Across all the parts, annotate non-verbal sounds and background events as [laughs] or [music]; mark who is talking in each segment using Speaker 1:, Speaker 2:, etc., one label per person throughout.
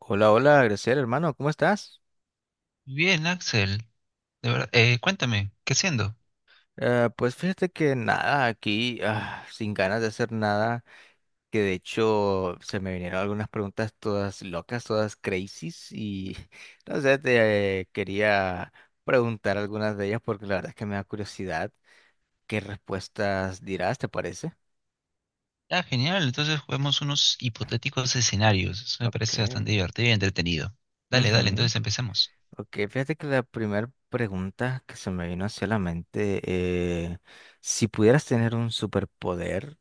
Speaker 1: Hola, hola, Graciela, hermano, ¿cómo estás?
Speaker 2: Bien, Axel. De verdad, cuéntame, ¿qué siendo?
Speaker 1: Pues fíjate que nada, aquí sin ganas de hacer nada, que de hecho se me vinieron algunas preguntas todas locas, todas crazies y [laughs] no sé, te quería preguntar algunas de ellas porque la verdad es que me da curiosidad qué respuestas dirás, ¿te parece?
Speaker 2: Ah, genial. Entonces juguemos unos hipotéticos escenarios. Eso me
Speaker 1: Ok.
Speaker 2: parece bastante divertido y entretenido. Dale, dale,
Speaker 1: Ujú.
Speaker 2: entonces empecemos.
Speaker 1: Ok, fíjate que la primera pregunta que se me vino hacia la mente, si pudieras tener un superpoder,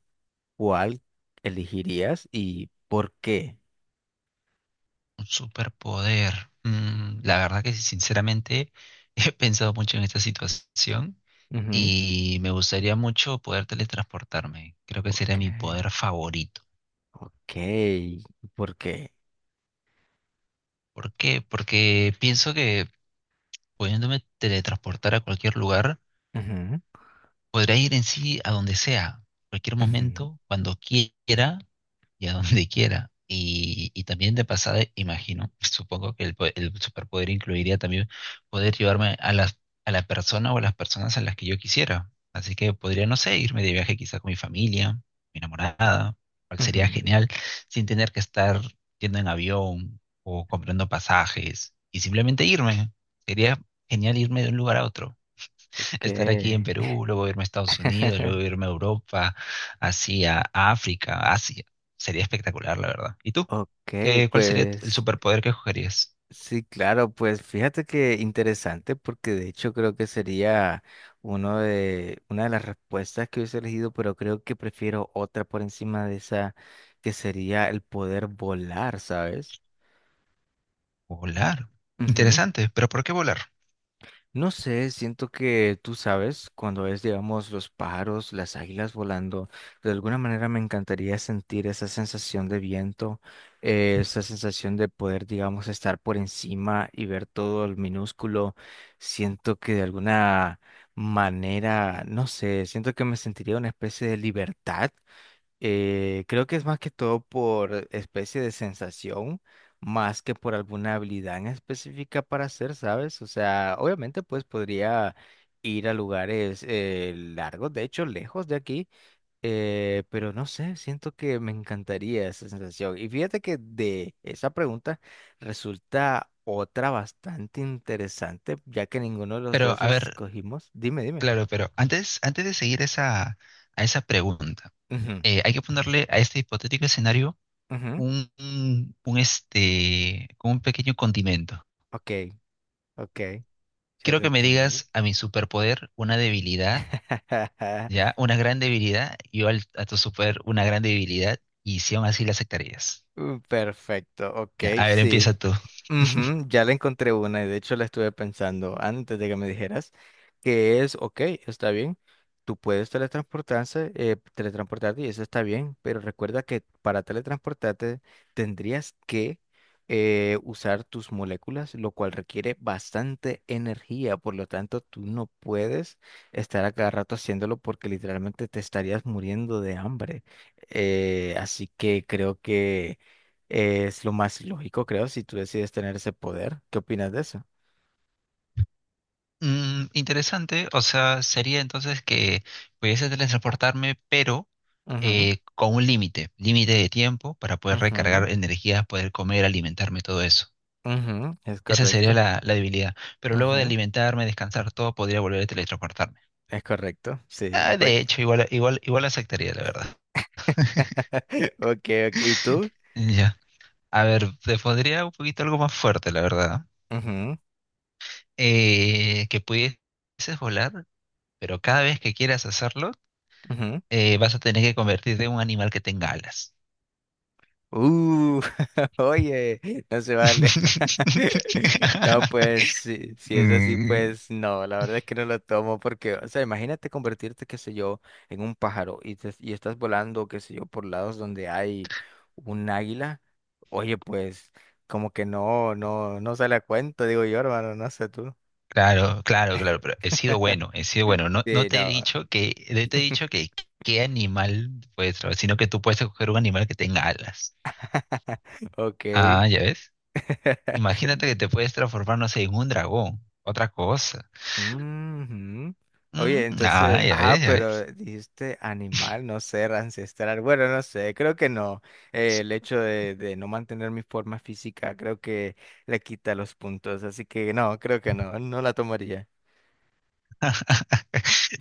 Speaker 1: ¿cuál elegirías y por qué?
Speaker 2: Un superpoder. Mm, la verdad que sí, sinceramente [laughs] he pensado mucho en esta situación
Speaker 1: Ujú.
Speaker 2: y me gustaría mucho poder teletransportarme. Creo que sería
Speaker 1: Ok.
Speaker 2: mi poder favorito.
Speaker 1: Ok, ¿por qué?
Speaker 2: ¿Por qué? Porque pienso que pudiéndome teletransportar a cualquier lugar,
Speaker 1: Ujú,
Speaker 2: podrá ir en sí a donde sea, cualquier
Speaker 1: ujú,
Speaker 2: momento, cuando quiera y a donde [laughs] quiera. Y también de pasada, imagino, [laughs] supongo que el superpoder incluiría también poder llevarme a a la persona o a las personas a las que yo quisiera. Así que podría, no sé, irme de viaje quizá con mi familia, mi enamorada, cual sería
Speaker 1: ujú.
Speaker 2: genial, sin tener que estar yendo en avión o comprando pasajes y simplemente irme. Sería genial irme de un lugar a otro,
Speaker 1: Ok.
Speaker 2: estar aquí en Perú, luego irme a Estados Unidos,
Speaker 1: [laughs]
Speaker 2: luego irme a Europa, hacia África, Asia. Sería espectacular, la verdad. ¿Y tú?
Speaker 1: Ok,
Speaker 2: ¿Qué, cuál sería el
Speaker 1: pues
Speaker 2: superpoder que escogerías?
Speaker 1: sí, claro, pues fíjate que interesante porque de hecho creo que sería una de las respuestas que hubiese elegido, pero creo que prefiero otra por encima de esa, que sería el poder volar, ¿sabes?
Speaker 2: Volar. Interesante, pero ¿por qué volar?
Speaker 1: No sé, siento que tú sabes, cuando ves, digamos, los pájaros, las águilas volando, de alguna manera me encantaría sentir esa sensación de viento, esa sensación de poder, digamos, estar por encima y ver todo el minúsculo. Siento que de alguna manera, no sé, siento que me sentiría una especie de libertad. Creo que es más que todo por especie de sensación, más que por alguna habilidad en específica para hacer, ¿sabes? O sea, obviamente pues podría ir a lugares largos, de hecho lejos de aquí, pero no sé, siento que me encantaría esa sensación. Y fíjate que de esa pregunta resulta otra bastante interesante, ya que ninguno de los
Speaker 2: Pero,
Speaker 1: dos
Speaker 2: a ver,
Speaker 1: escogimos. Dime, dime.
Speaker 2: claro, pero antes, antes de seguir a esa pregunta,
Speaker 1: Ujú,
Speaker 2: hay que ponerle a este hipotético escenario
Speaker 1: ujú.
Speaker 2: como un pequeño condimento.
Speaker 1: Ok, ok, ya
Speaker 2: Quiero
Speaker 1: te
Speaker 2: que me
Speaker 1: entendí.
Speaker 2: digas a mi superpoder una debilidad. ¿Ya? Una gran debilidad, yo a tu super una gran debilidad, y si aún así la aceptarías.
Speaker 1: Perfecto, ok,
Speaker 2: Ya, a ver, empieza
Speaker 1: sí.
Speaker 2: tú.
Speaker 1: Ujú, ya le encontré una y de hecho la estuve pensando antes de que me dijeras que es, ok, está bien, tú puedes teletransportarse, teletransportarte y eso está bien, pero recuerda que para teletransportarte tendrías que usar tus moléculas, lo cual requiere bastante energía, por lo tanto tú no puedes estar a cada rato haciéndolo porque literalmente te estarías muriendo de hambre. Así que creo que... es lo más lógico, creo, si tú decides tener ese poder. ¿Qué opinas de eso?
Speaker 2: Mm, interesante. O sea, sería entonces que pudiese teletransportarme, pero
Speaker 1: Ujú,
Speaker 2: con un límite, límite de tiempo para poder
Speaker 1: ujú,
Speaker 2: recargar energías, poder comer, alimentarme, todo eso.
Speaker 1: ujú, es
Speaker 2: Esa sería
Speaker 1: correcto.
Speaker 2: la, la debilidad. Pero luego de
Speaker 1: Ujú,
Speaker 2: alimentarme, descansar, todo, podría volver a teletransportarme.
Speaker 1: es correcto. Sí.
Speaker 2: Ah,
Speaker 1: Oye.
Speaker 2: de hecho, igual, igual, igual aceptaría, la verdad.
Speaker 1: [laughs] Ok, ok. ¿Y tú?
Speaker 2: Ya. A ver, te pondría un poquito algo más fuerte, la verdad.
Speaker 1: Ujú,
Speaker 2: Eh, que pudieses volar, pero cada vez que quieras hacerlo,
Speaker 1: ujú.
Speaker 2: vas a tener que convertirte en un animal que tenga alas.
Speaker 1: Uh, [laughs] oye, no se vale. [laughs] No, pues
Speaker 2: [laughs]
Speaker 1: si, si es así,
Speaker 2: Mm,
Speaker 1: pues no, la verdad es que no lo tomo porque, o sea, imagínate convertirte, qué sé yo, en un pájaro y, y estás volando, qué sé yo, por lados donde hay un águila. Oye, pues como que no, no, no sale a cuento, digo yo, hermano, no sé tú.
Speaker 2: claro, claro, claro, pero he sido bueno, he sido bueno. No, no
Speaker 1: Sí,
Speaker 2: te he
Speaker 1: no.
Speaker 2: dicho que, no te he
Speaker 1: [laughs]
Speaker 2: dicho que qué animal puedes traer, sino que tú puedes escoger un animal que tenga alas.
Speaker 1: Ok.
Speaker 2: Ah, ya ves. Imagínate
Speaker 1: [laughs]
Speaker 2: que te puedes transformar, no sé, en un dragón, otra cosa.
Speaker 1: Ujú.
Speaker 2: Mm,
Speaker 1: Oye,
Speaker 2: ah,
Speaker 1: entonces,
Speaker 2: ya
Speaker 1: ah,
Speaker 2: ves, ya ves.
Speaker 1: pero dijiste animal, no ser ancestral. Bueno, no sé, creo que no. El hecho de no mantener mi forma física, creo que le quita los puntos. Así que no, creo que no, no la tomaría.
Speaker 2: [laughs]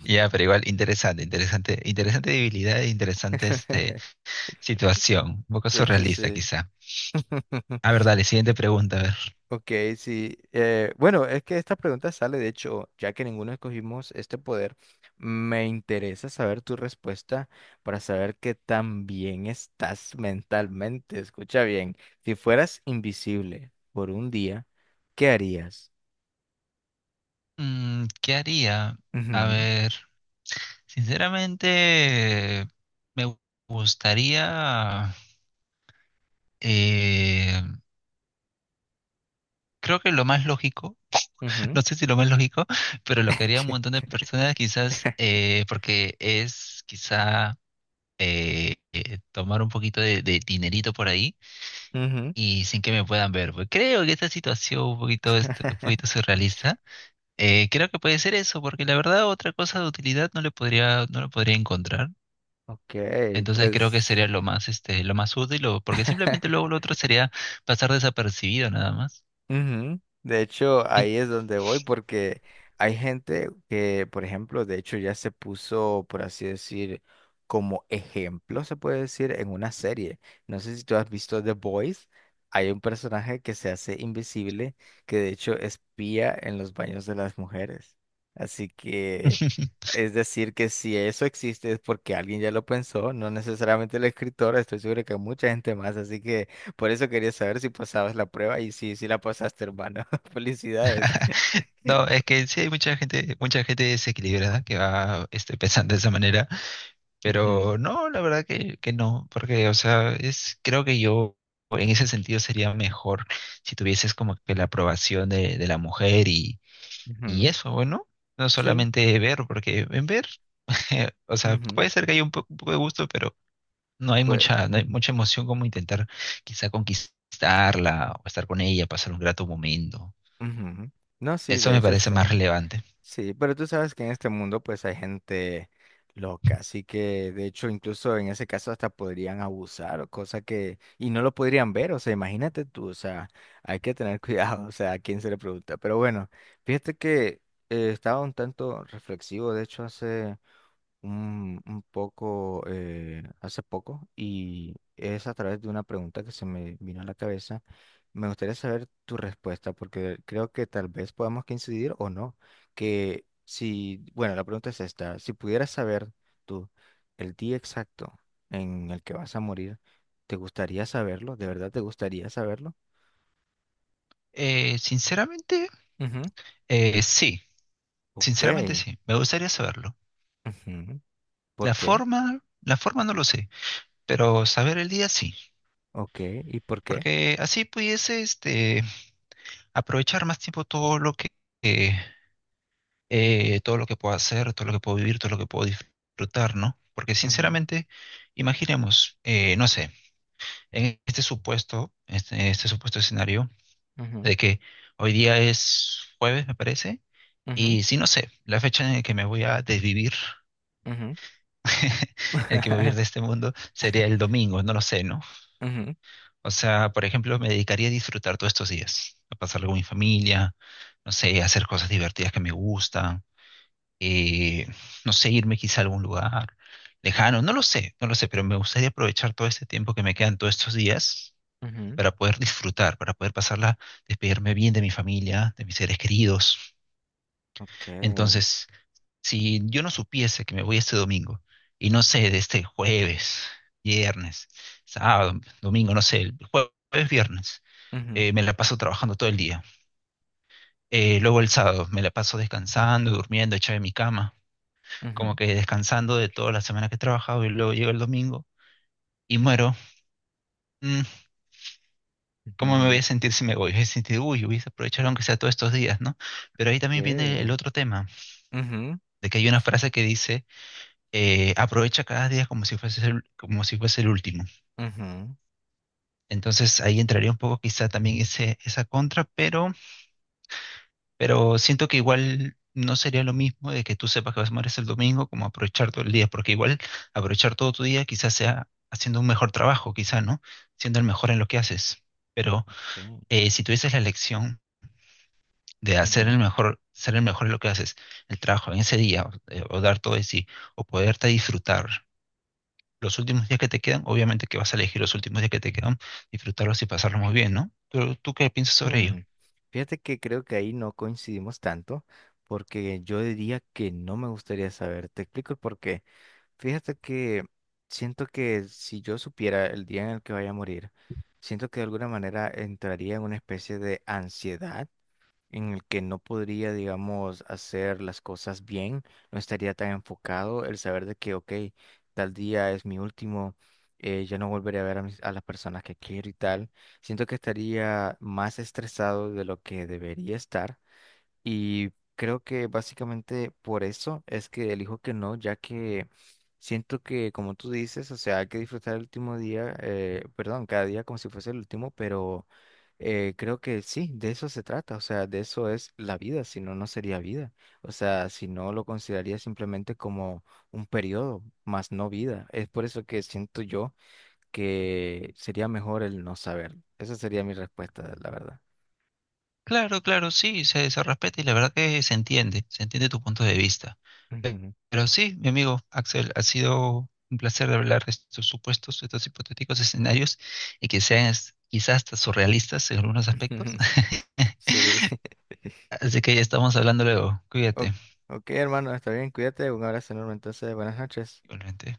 Speaker 2: Ya, pero igual interesante, interesante, interesante debilidad, e interesante
Speaker 1: [laughs]
Speaker 2: situación, un poco
Speaker 1: De hecho,
Speaker 2: surrealista
Speaker 1: sí.
Speaker 2: quizá.
Speaker 1: [laughs]
Speaker 2: A ver, dale, siguiente pregunta, a ver.
Speaker 1: Ok, sí. Bueno, es que esta pregunta sale, de hecho, ya que ninguno escogimos este poder, me interesa saber tu respuesta para saber qué tan bien estás mentalmente. Escucha bien, si fueras invisible por un día, ¿qué harías?
Speaker 2: Mm, ¿qué haría? A
Speaker 1: Ujú,
Speaker 2: ver, sinceramente me gustaría, eh, creo que lo más lógico, [laughs]
Speaker 1: ujú,
Speaker 2: no sé si lo más lógico, pero lo que haría un
Speaker 1: [laughs]
Speaker 2: montón de personas quizás, porque es quizá tomar un poquito de dinerito por ahí
Speaker 1: ujú.
Speaker 2: y sin que me puedan ver. Pues creo que esta situación un poquito, un poquito
Speaker 1: [laughs]
Speaker 2: surrealista, creo que puede ser eso, porque la verdad otra cosa de utilidad no le podría, no lo podría encontrar.
Speaker 1: Ok,
Speaker 2: Entonces creo que sería
Speaker 1: pues...
Speaker 2: lo más, lo más útil, porque simplemente
Speaker 1: [laughs]
Speaker 2: luego lo otro sería pasar desapercibido nada más.
Speaker 1: Ujú. De hecho,
Speaker 2: Y-
Speaker 1: ahí es donde voy porque hay gente que, por ejemplo, de hecho ya se puso, por así decir, como ejemplo, se puede decir, en una serie. No sé si tú has visto The Boys. Hay un personaje que se hace invisible, que de hecho espía en los baños de las mujeres. Así que,
Speaker 2: [laughs]
Speaker 1: es decir, que si eso existe es porque alguien ya lo pensó, no necesariamente el escritor, estoy seguro que mucha gente más. Así que... por eso quería saber si pasabas la prueba y sí, sí la pasaste, hermano. [laughs] Felicidades.
Speaker 2: No, es que sí hay mucha gente desequilibrada que va, [laughs] pensando de esa manera.
Speaker 1: Ujú,
Speaker 2: Pero no, la verdad que no, porque, o sea, es, creo que yo en ese sentido sería mejor si tuvieses como que la aprobación de la mujer, y
Speaker 1: ujú,
Speaker 2: eso, bueno, no
Speaker 1: sí.
Speaker 2: solamente ver, porque en ver, [laughs] o sea,
Speaker 1: Ujú,
Speaker 2: puede ser que haya un poco de gusto, pero no hay
Speaker 1: pues,
Speaker 2: mucha, no hay mucha emoción como intentar quizá conquistarla o estar con ella, pasar un grato momento.
Speaker 1: ujú. No, sí,
Speaker 2: Eso
Speaker 1: de
Speaker 2: me
Speaker 1: hecho
Speaker 2: parece
Speaker 1: sí.
Speaker 2: más relevante.
Speaker 1: Sí, pero tú sabes que en este mundo pues hay gente loca, así que de hecho incluso en ese caso hasta podrían abusar o cosa que y no lo podrían ver, o sea, imagínate tú, o sea, hay que tener [laughs] cuidado, o sea, a quién se le pregunta. Pero bueno, fíjate que estaba un tanto reflexivo, de hecho hace un poco hace poco y es a través de una pregunta que se me vino a la cabeza. Me gustaría saber tu respuesta porque creo que tal vez podamos coincidir o no. Que si, bueno, la pregunta es esta, si pudieras saber tú el día exacto en el que vas a morir, ¿te gustaría saberlo? ¿De verdad te gustaría saberlo?
Speaker 2: Sinceramente,
Speaker 1: Ujú,
Speaker 2: sí,
Speaker 1: ok.
Speaker 2: sinceramente sí, me gustaría saberlo.
Speaker 1: Ujú, ¿por qué?
Speaker 2: La forma no lo sé, pero saber el día sí,
Speaker 1: Ok. ¿Y por qué?
Speaker 2: porque así pudiese aprovechar más tiempo eh, todo lo que puedo hacer, todo lo que puedo vivir, todo lo que puedo disfrutar, ¿no? Porque
Speaker 1: Ujú,
Speaker 2: sinceramente, imaginemos, no sé, en este supuesto, este supuesto escenario
Speaker 1: ujú,
Speaker 2: de que hoy día es jueves, me parece,
Speaker 1: ujú,
Speaker 2: y si no sé, la fecha en la que me voy a desvivir,
Speaker 1: ujú.
Speaker 2: [laughs] en la que me voy a ir de
Speaker 1: [laughs]
Speaker 2: este mundo, sería el domingo, no lo sé, ¿no?
Speaker 1: Ujú,
Speaker 2: O sea, por ejemplo, me dedicaría a disfrutar todos estos días, a pasarlo con mi familia, no sé, a hacer cosas divertidas que me gustan, eh, no sé, irme quizá a algún lugar lejano, no lo sé, no lo sé, pero me gustaría aprovechar todo este tiempo que me quedan todos estos días
Speaker 1: ujú,
Speaker 2: para poder disfrutar, para poder pasarla, despedirme bien de mi familia, de mis seres queridos.
Speaker 1: ok,
Speaker 2: Entonces, si yo no supiese que me voy este domingo, y no sé, de este jueves, viernes, sábado, domingo, no sé, el jueves, viernes,
Speaker 1: ujú,
Speaker 2: me la paso trabajando todo el día. Luego el sábado me la paso descansando, durmiendo, echado en mi cama, como
Speaker 1: ujú,
Speaker 2: que descansando de toda la semana que he trabajado y luego llega el domingo y muero. Mm, ¿cómo me voy
Speaker 1: ujú,
Speaker 2: a sentir si me voy? Voy a sentir, uy, hubiese aprovechado aunque sea todos estos días, ¿no? Pero ahí también viene el
Speaker 1: ok,
Speaker 2: otro tema,
Speaker 1: ujú,
Speaker 2: de que hay una
Speaker 1: sí,
Speaker 2: frase que dice, aprovecha cada día como si fuese el, como si fuese el último.
Speaker 1: ujú,
Speaker 2: Entonces ahí entraría un poco quizá también ese, esa contra, pero siento que igual no sería lo mismo de que tú sepas que vas a morir el domingo como aprovechar todo el día, porque igual aprovechar todo tu día quizás sea haciendo un mejor trabajo, quizá, ¿no? Siendo el mejor en lo que haces. Pero
Speaker 1: ok,
Speaker 2: si tuvieses la elección de hacer
Speaker 1: ujú,
Speaker 2: el mejor, ser el mejor en lo que haces, el trabajo en ese día, o dar todo de sí, o poderte disfrutar los últimos días que te quedan, obviamente que vas a elegir los últimos días que te quedan, disfrutarlos y pasarlos muy bien, ¿no? ¿Tú, tú qué piensas sobre ello?
Speaker 1: hmm. Fíjate que creo que ahí no coincidimos tanto, porque yo diría que no me gustaría saber. Te explico el por qué. Fíjate que siento que si yo supiera el día en el que vaya a morir, siento que de alguna manera entraría en una especie de ansiedad en el que no podría, digamos, hacer las cosas bien, no estaría tan enfocado el saber de que, ok, tal día es mi último, ya no volveré a ver a, a las personas que quiero y tal. Siento que estaría más estresado de lo que debería estar y creo que básicamente por eso es que elijo que no, ya que siento que, como tú dices, o sea, hay que disfrutar el último día, perdón, cada día como si fuese el último, pero creo que sí, de eso se trata, o sea, de eso es la vida, si no, no sería vida. O sea, si no, lo consideraría simplemente como un periodo, más no vida. Es por eso que siento yo que sería mejor el no saber. Esa sería mi respuesta, la verdad.
Speaker 2: Claro, claro, sí, se respeta y la verdad que se entiende tu punto de vista. Pe-
Speaker 1: Ujú.
Speaker 2: Pero sí, mi amigo Axel, ha sido un placer hablar de estos supuestos, estos hipotéticos escenarios y que sean quizás hasta surrealistas en algunos aspectos.
Speaker 1: [laughs] Sí. [laughs]
Speaker 2: [laughs] Así que ya estamos hablando luego.
Speaker 1: O-
Speaker 2: Cuídate,
Speaker 1: ok, hermano, está bien, cuídate, un abrazo enorme. Entonces, buenas noches.
Speaker 2: igualmente.